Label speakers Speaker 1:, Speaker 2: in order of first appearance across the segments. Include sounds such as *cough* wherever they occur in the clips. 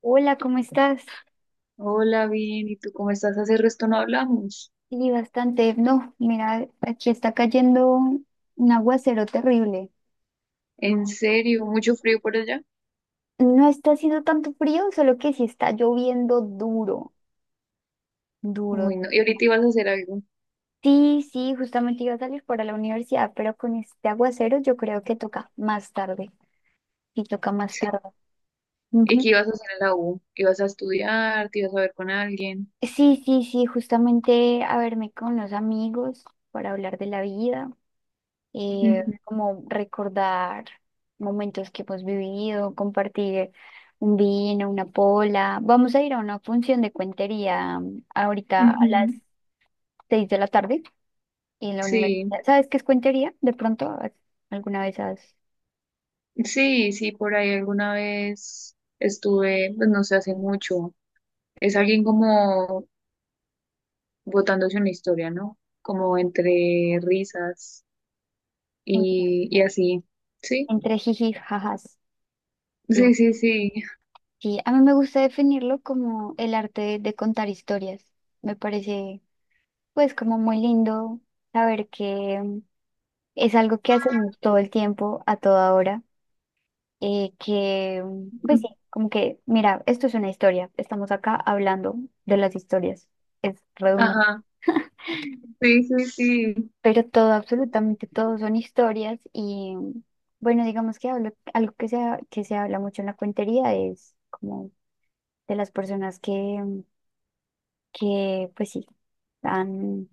Speaker 1: Hola, ¿cómo estás?
Speaker 2: Hola, bien, ¿y tú cómo estás? Hace resto no hablamos.
Speaker 1: Sí, bastante. No, mira, aquí está cayendo un aguacero terrible.
Speaker 2: En serio, mucho frío por allá.
Speaker 1: No está haciendo tanto frío, solo que sí está lloviendo duro, duro.
Speaker 2: Uy, no. Y ahorita ibas a hacer algo.
Speaker 1: Sí, sí, justamente iba a salir para la universidad, pero con este aguacero yo creo que toca más tarde. Sí, toca más tarde.
Speaker 2: Sí. ¿Y
Speaker 1: Ujú.
Speaker 2: qué ibas a hacer en la U? ¿Ibas a estudiar? ¿Te ibas a ver con alguien?
Speaker 1: Sí, sí, sí, justamente a verme con los amigos para hablar de la vida.
Speaker 2: Ujú,
Speaker 1: Como recordar momentos que hemos vivido, compartir un vino, una pola. Vamos a ir a una función de cuentería ahorita a las
Speaker 2: ujú.
Speaker 1: 6 de la tarde en la
Speaker 2: Sí,
Speaker 1: universidad. ¿Sabes qué es cuentería? De pronto, ¿has- alguna vez has
Speaker 2: sí, sí, por ahí alguna vez estuve, pues no sé, hace mucho. Es alguien como botándose una historia, ¿no? Como entre risas
Speaker 1: en-
Speaker 2: y así. Sí,
Speaker 1: entre jiji y jajas. Sí,
Speaker 2: sí, sí, sí.
Speaker 1: sí. A mí me gusta definirlo como el arte de contar historias. Me parece, pues, como muy lindo saber que es algo que hacemos todo el tiempo, a toda hora pues sí,
Speaker 2: *laughs*
Speaker 1: como que, mira, esto es una historia, estamos acá hablando de las historias, es redundante,
Speaker 2: Ajá, sí, sí, sí.
Speaker 1: pero todo, absolutamente todo son historias y bueno, digamos que algo que que se habla mucho en la cuentería es como de las personas que pues sí, han,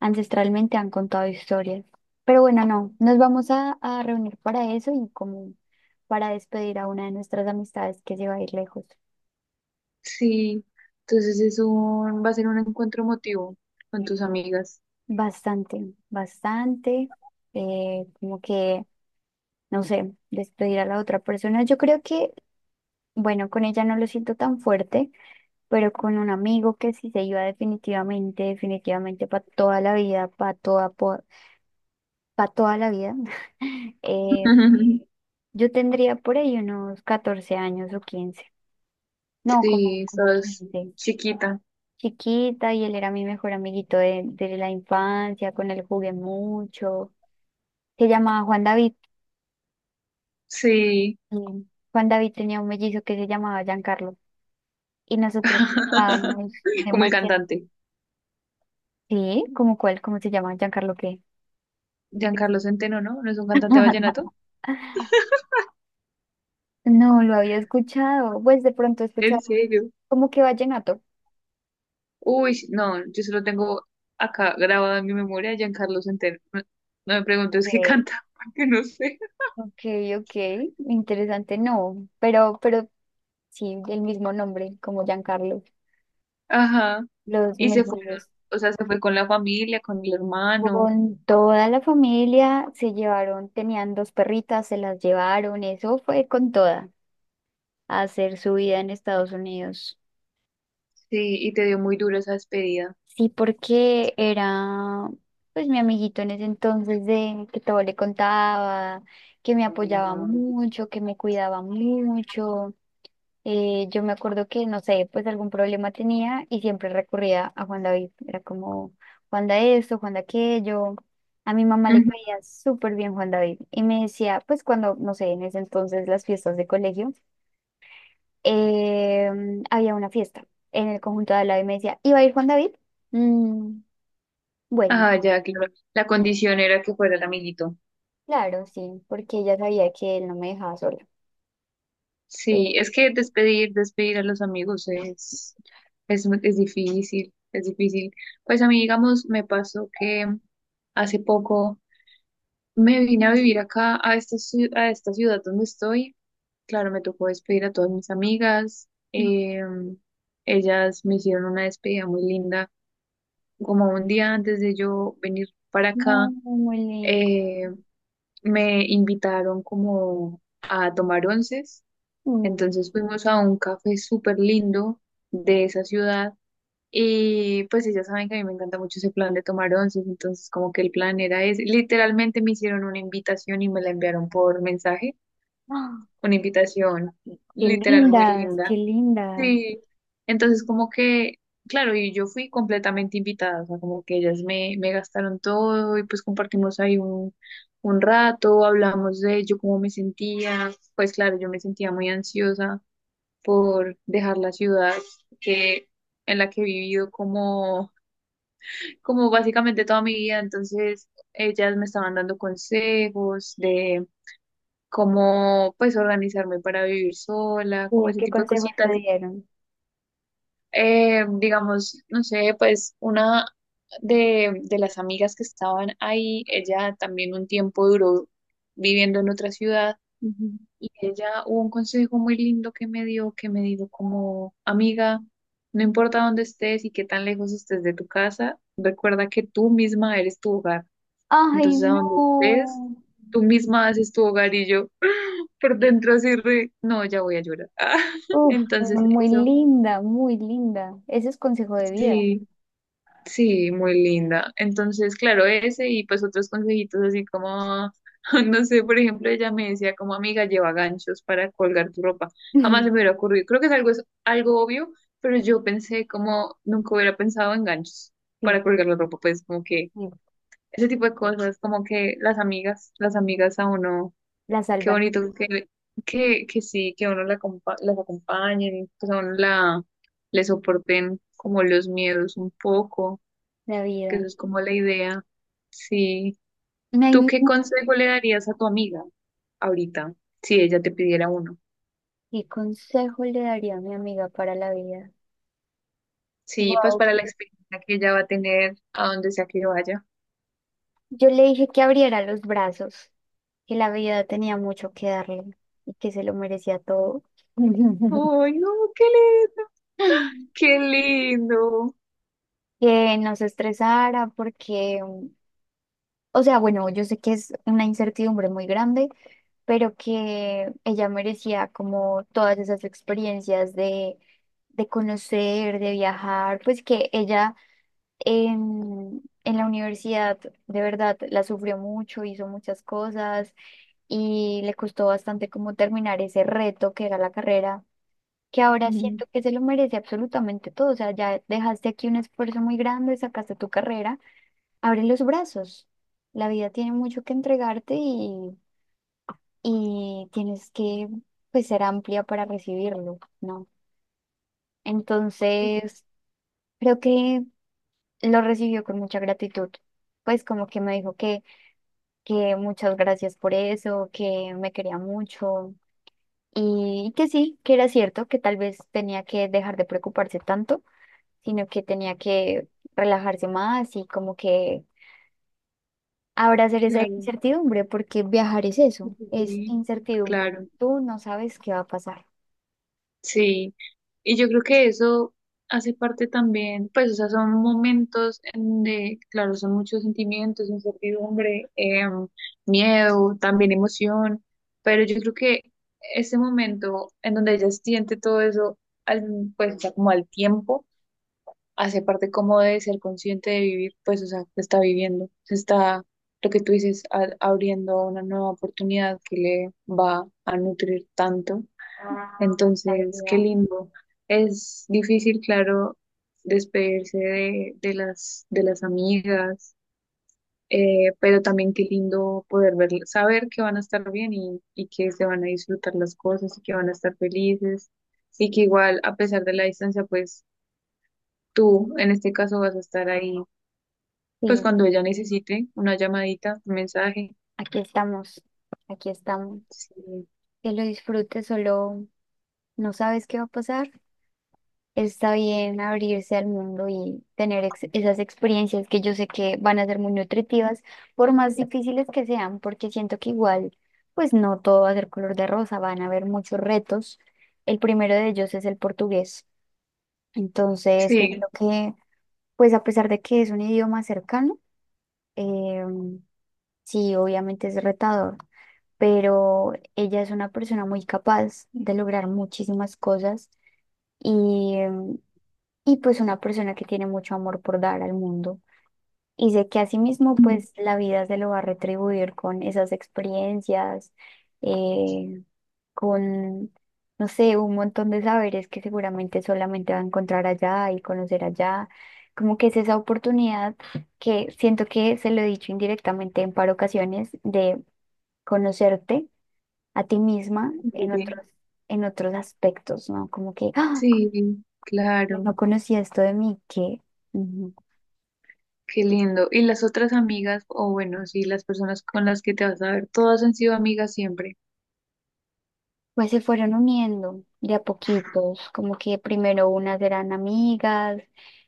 Speaker 1: ancestralmente han contado historias. Pero bueno, no, nos vamos a reunir para eso y como para despedir a una de nuestras amistades que se va a ir lejos.
Speaker 2: Sí, va a ser un encuentro emotivo con tus amigas.
Speaker 1: Bastante, bastante, eh, como que, no sé, despedir a la otra persona. Yo creo que, bueno, con ella no lo siento tan fuerte, pero con un amigo que sí se iba definitivamente, definitivamente para toda la vida, para toda la vida, *laughs* eh,
Speaker 2: *laughs*
Speaker 1: yo tendría por ahí unos 14 años o 15, no, como,
Speaker 2: Sí,
Speaker 1: como
Speaker 2: sos
Speaker 1: 15,
Speaker 2: chiquita.
Speaker 1: chiquita, y él era mi mejor amiguito de la infancia, con él jugué mucho, se llamaba Juan David.
Speaker 2: Sí.
Speaker 1: Mm. Juan David tenía un mellizo que se llamaba Giancarlo y nosotros
Speaker 2: *laughs*
Speaker 1: jugábamos
Speaker 2: Como el
Speaker 1: demasiado.
Speaker 2: cantante.
Speaker 1: Sí, ¿cómo cuál? ¿Cómo se llama? ¿Giancarlo qué?
Speaker 2: Giancarlo Centeno, ¿no? ¿No es un cantante vallenato?
Speaker 1: *laughs* No lo había escuchado. Pues de pronto he
Speaker 2: ¿En
Speaker 1: escuchado
Speaker 2: serio?
Speaker 1: como que vallenato.
Speaker 2: Uy, sí, no, yo solo tengo acá grabado en mi memoria a Giancarlo Centeno. No, no me preguntes qué
Speaker 1: Ok,
Speaker 2: canta, *laughs* porque no sé.
Speaker 1: ok, ok, interesante, no, pero sí, el mismo nombre, como Giancarlo.
Speaker 2: Ajá.
Speaker 1: Los
Speaker 2: Y se fueron.
Speaker 1: mellizos,
Speaker 2: O sea, se fue con la familia, con el hermano.
Speaker 1: con toda la familia, se llevaron, tenían dos perritas, se las llevaron, eso fue con toda. A hacer su vida en Estados Unidos.
Speaker 2: Sí, y te dio muy duro esa despedida.
Speaker 1: Sí, porque era pues mi amiguito en ese entonces de que todo le contaba, que me apoyaba mucho, que me cuidaba mucho. Yo me acuerdo que, no sé, pues algún problema tenía y siempre recurría a Juan David. Era como Juan da esto, Juan da aquello. A mi mamá le
Speaker 2: Ujú.
Speaker 1: caía súper bien Juan David y me decía, pues cuando, no sé, en ese entonces las fiestas de colegio. eh, Había una fiesta en el conjunto de al lado y me decía, ¿iba a ir Juan David? "Mm, bueno,
Speaker 2: Ah, ya, claro. La condición era que fuera el amiguito.
Speaker 1: claro", sí, porque ella sabía que él no me dejaba sola.
Speaker 2: Sí,
Speaker 1: Eh,
Speaker 2: es que despedir, despedir a los amigos es difícil, es difícil. Pues a mí, digamos, me pasó que hace poco me vine a vivir acá, a a esta ciudad donde estoy. Claro, me tocó despedir a todas mis amigas. Ellas me hicieron una despedida muy linda, como un día antes de yo venir para
Speaker 1: no,
Speaker 2: acá.
Speaker 1: muy lindo.
Speaker 2: eh, Me invitaron como a tomar onces,
Speaker 1: Mm.
Speaker 2: entonces fuimos a un café súper lindo de esa ciudad y pues sí, ya saben que a mí me encanta mucho ese plan de tomar onces, entonces como que el plan era ese, literalmente me hicieron una invitación y me la enviaron por mensaje,
Speaker 1: ¡Ah!
Speaker 2: una invitación
Speaker 1: Qué
Speaker 2: literal muy
Speaker 1: lindas, qué
Speaker 2: linda.
Speaker 1: lindas.
Speaker 2: Sí, entonces como que, claro, y yo fui completamente invitada, o sea, como que ellas me gastaron todo y pues compartimos ahí un rato, hablamos de yo cómo me sentía, pues claro, yo me sentía muy ansiosa por dejar la ciudad que, en la que he vivido como básicamente toda mi vida, entonces ellas me estaban dando consejos de cómo pues organizarme para vivir sola, como
Speaker 1: ¿Qué,
Speaker 2: ese
Speaker 1: qué
Speaker 2: tipo de
Speaker 1: consejos te
Speaker 2: cositas.
Speaker 1: dieron?
Speaker 2: Digamos, no sé, pues una de las amigas que estaban ahí, ella también un tiempo duró viviendo en otra ciudad
Speaker 1: Ujú.
Speaker 2: y ella hubo un consejo muy lindo que me dio, que me dijo como, amiga, no importa dónde estés y qué tan lejos estés de tu casa, recuerda que tú misma eres tu hogar.
Speaker 1: Ay,
Speaker 2: Entonces, a donde estés,
Speaker 1: no.
Speaker 2: tú misma haces tu hogar y yo *laughs* por dentro así re, no, ya voy a llorar. *laughs*
Speaker 1: Uf,
Speaker 2: Entonces,
Speaker 1: muy
Speaker 2: eso,
Speaker 1: linda, muy linda. Ese es consejo de vida.
Speaker 2: sí. Sí, muy linda. Entonces, claro, ese y pues otros consejitos así como, *laughs* no sé, por ejemplo, ella me decía como amiga, lleva ganchos para colgar tu ropa. Jamás se me
Speaker 1: *laughs*
Speaker 2: hubiera ocurrido. Creo que es algo obvio, pero yo pensé como nunca hubiera pensado en ganchos
Speaker 1: Sí,
Speaker 2: para colgar la ropa. Pues como que
Speaker 1: sí,
Speaker 2: ese tipo de cosas, como que las amigas a uno,
Speaker 1: la
Speaker 2: qué
Speaker 1: salvan
Speaker 2: bonito que, que sí, que a uno acompa- las acompañen, pues a uno le soporten como los miedos un poco,
Speaker 1: la
Speaker 2: que eso
Speaker 1: vida.
Speaker 2: es como la idea. Sí.
Speaker 1: Ay,
Speaker 2: ¿Tú qué
Speaker 1: no.
Speaker 2: consejo le darías a tu amiga ahorita si ella te pidiera uno?
Speaker 1: ¿Qué consejo le daría a mi amiga para la vida?
Speaker 2: Sí, pues
Speaker 1: Wow.
Speaker 2: para la experiencia que ella va a tener a donde sea que vaya.
Speaker 1: Yo le dije que abriera los brazos, que la vida tenía mucho que darle y que se lo merecía todo. *laughs*
Speaker 2: Ay, no, qué lindo, qué lindo.
Speaker 1: Que no se estresara porque, o sea, bueno, yo sé que es una incertidumbre muy grande, pero que ella merecía como todas esas experiencias de conocer, de viajar, pues que ella en la universidad, de verdad, la sufrió mucho, hizo muchas cosas y le costó bastante como terminar ese reto que era la carrera, que ahora
Speaker 2: Mm.
Speaker 1: siento que se lo merece absolutamente todo. O sea, ya dejaste aquí un esfuerzo muy grande, sacaste tu carrera, abre los brazos. La vida tiene mucho que entregarte y tienes que pues, ser amplia para recibirlo, ¿no? Entonces, creo que lo recibió con mucha gratitud. Pues como que me dijo que muchas gracias por eso, que me quería mucho y que sí, que era cierto, que tal vez tenía que dejar de preocuparse tanto, sino que tenía que relajarse más y como que abrazar esa
Speaker 2: Claro,
Speaker 1: incertidumbre, porque viajar es eso, es
Speaker 2: sí,
Speaker 1: incertidumbre.
Speaker 2: claro.
Speaker 1: Tú no sabes qué va a pasar.
Speaker 2: Sí, y yo creo que eso hace parte también, pues, o sea, son momentos claro, son muchos sentimientos, incertidumbre, miedo, también emoción, pero yo creo que ese momento en donde ella siente todo eso, al, pues, o sea, como al tiempo, hace parte como de ser consciente de vivir, pues, o sea, se está viviendo, se está, lo que tú dices, a- abriendo a una nueva oportunidad que le va a nutrir tanto.
Speaker 1: La
Speaker 2: Entonces, qué
Speaker 1: vida,
Speaker 2: lindo. Es difícil, claro, despedirse de de las amigas, pero también qué lindo poder ver, saber que van a estar bien y que se van a disfrutar las cosas y que van a estar felices y que igual, a pesar de la distancia, pues tú en este caso vas a estar ahí, pues
Speaker 1: sí,
Speaker 2: cuando ella necesite una llamadita, un mensaje.
Speaker 1: aquí estamos, aquí estamos.
Speaker 2: Sí,
Speaker 1: Que lo disfrutes, solo no sabes qué va a pasar. Está bien abrirse al mundo y tener esas experiencias que yo sé que van a ser muy nutritivas, por más difíciles que sean, porque siento que igual, pues no todo va a ser color de rosa, van a haber muchos retos. El primero de ellos es el portugués. Entonces,
Speaker 2: sí,
Speaker 1: siento que, pues a pesar de que es un idioma cercano, eh, sí, obviamente es retador, pero ella es una persona muy capaz de lograr muchísimas cosas. Y y pues una persona que tiene mucho amor por dar al mundo. Y sé que asimismo pues la vida se lo va a retribuir con esas experiencias, eh, con, no sé, un montón de saberes que seguramente solamente va a encontrar allá y conocer allá. Como que es esa oportunidad que siento que se lo he dicho indirectamente en par ocasiones de conocerte a ti misma
Speaker 2: sí, sí.
Speaker 1: en otros aspectos, ¿no? Como que, ah,
Speaker 2: Sí, claro.
Speaker 1: no conocía esto de mí, que...
Speaker 2: Qué lindo. ¿Y las otras amigas, o bueno, sí, las personas con las que te vas a ver, todas han sido amigas siempre?
Speaker 1: Pues se fueron uniendo de a poquitos, como que primero unas eran amigas,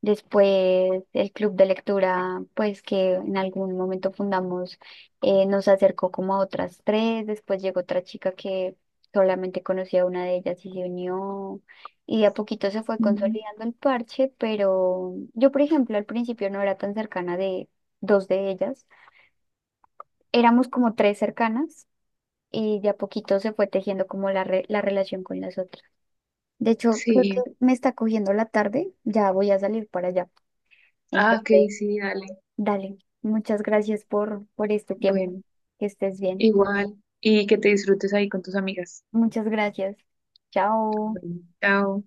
Speaker 1: después el club de lectura, pues que en algún momento fundamos, nos acercó como a otras tres, después llegó otra chica que solamente conocía a una de ellas y se unió, y de a poquito se fue
Speaker 2: Ujú.
Speaker 1: consolidando el parche, pero yo, por ejemplo, al principio no era tan cercana de dos de ellas, éramos como tres cercanas. Y de a poquito se fue tejiendo como la relación con las otras. De hecho, creo que
Speaker 2: Sí.
Speaker 1: me está cogiendo la tarde, ya voy a salir para allá.
Speaker 2: Ah, ok,
Speaker 1: Entonces,
Speaker 2: sí, dale.
Speaker 1: dale, muchas gracias por este tiempo.
Speaker 2: Bueno,
Speaker 1: Que estés bien.
Speaker 2: igual. Y que te disfrutes ahí con tus amigas.
Speaker 1: Muchas gracias. Chao.
Speaker 2: Bueno, chao.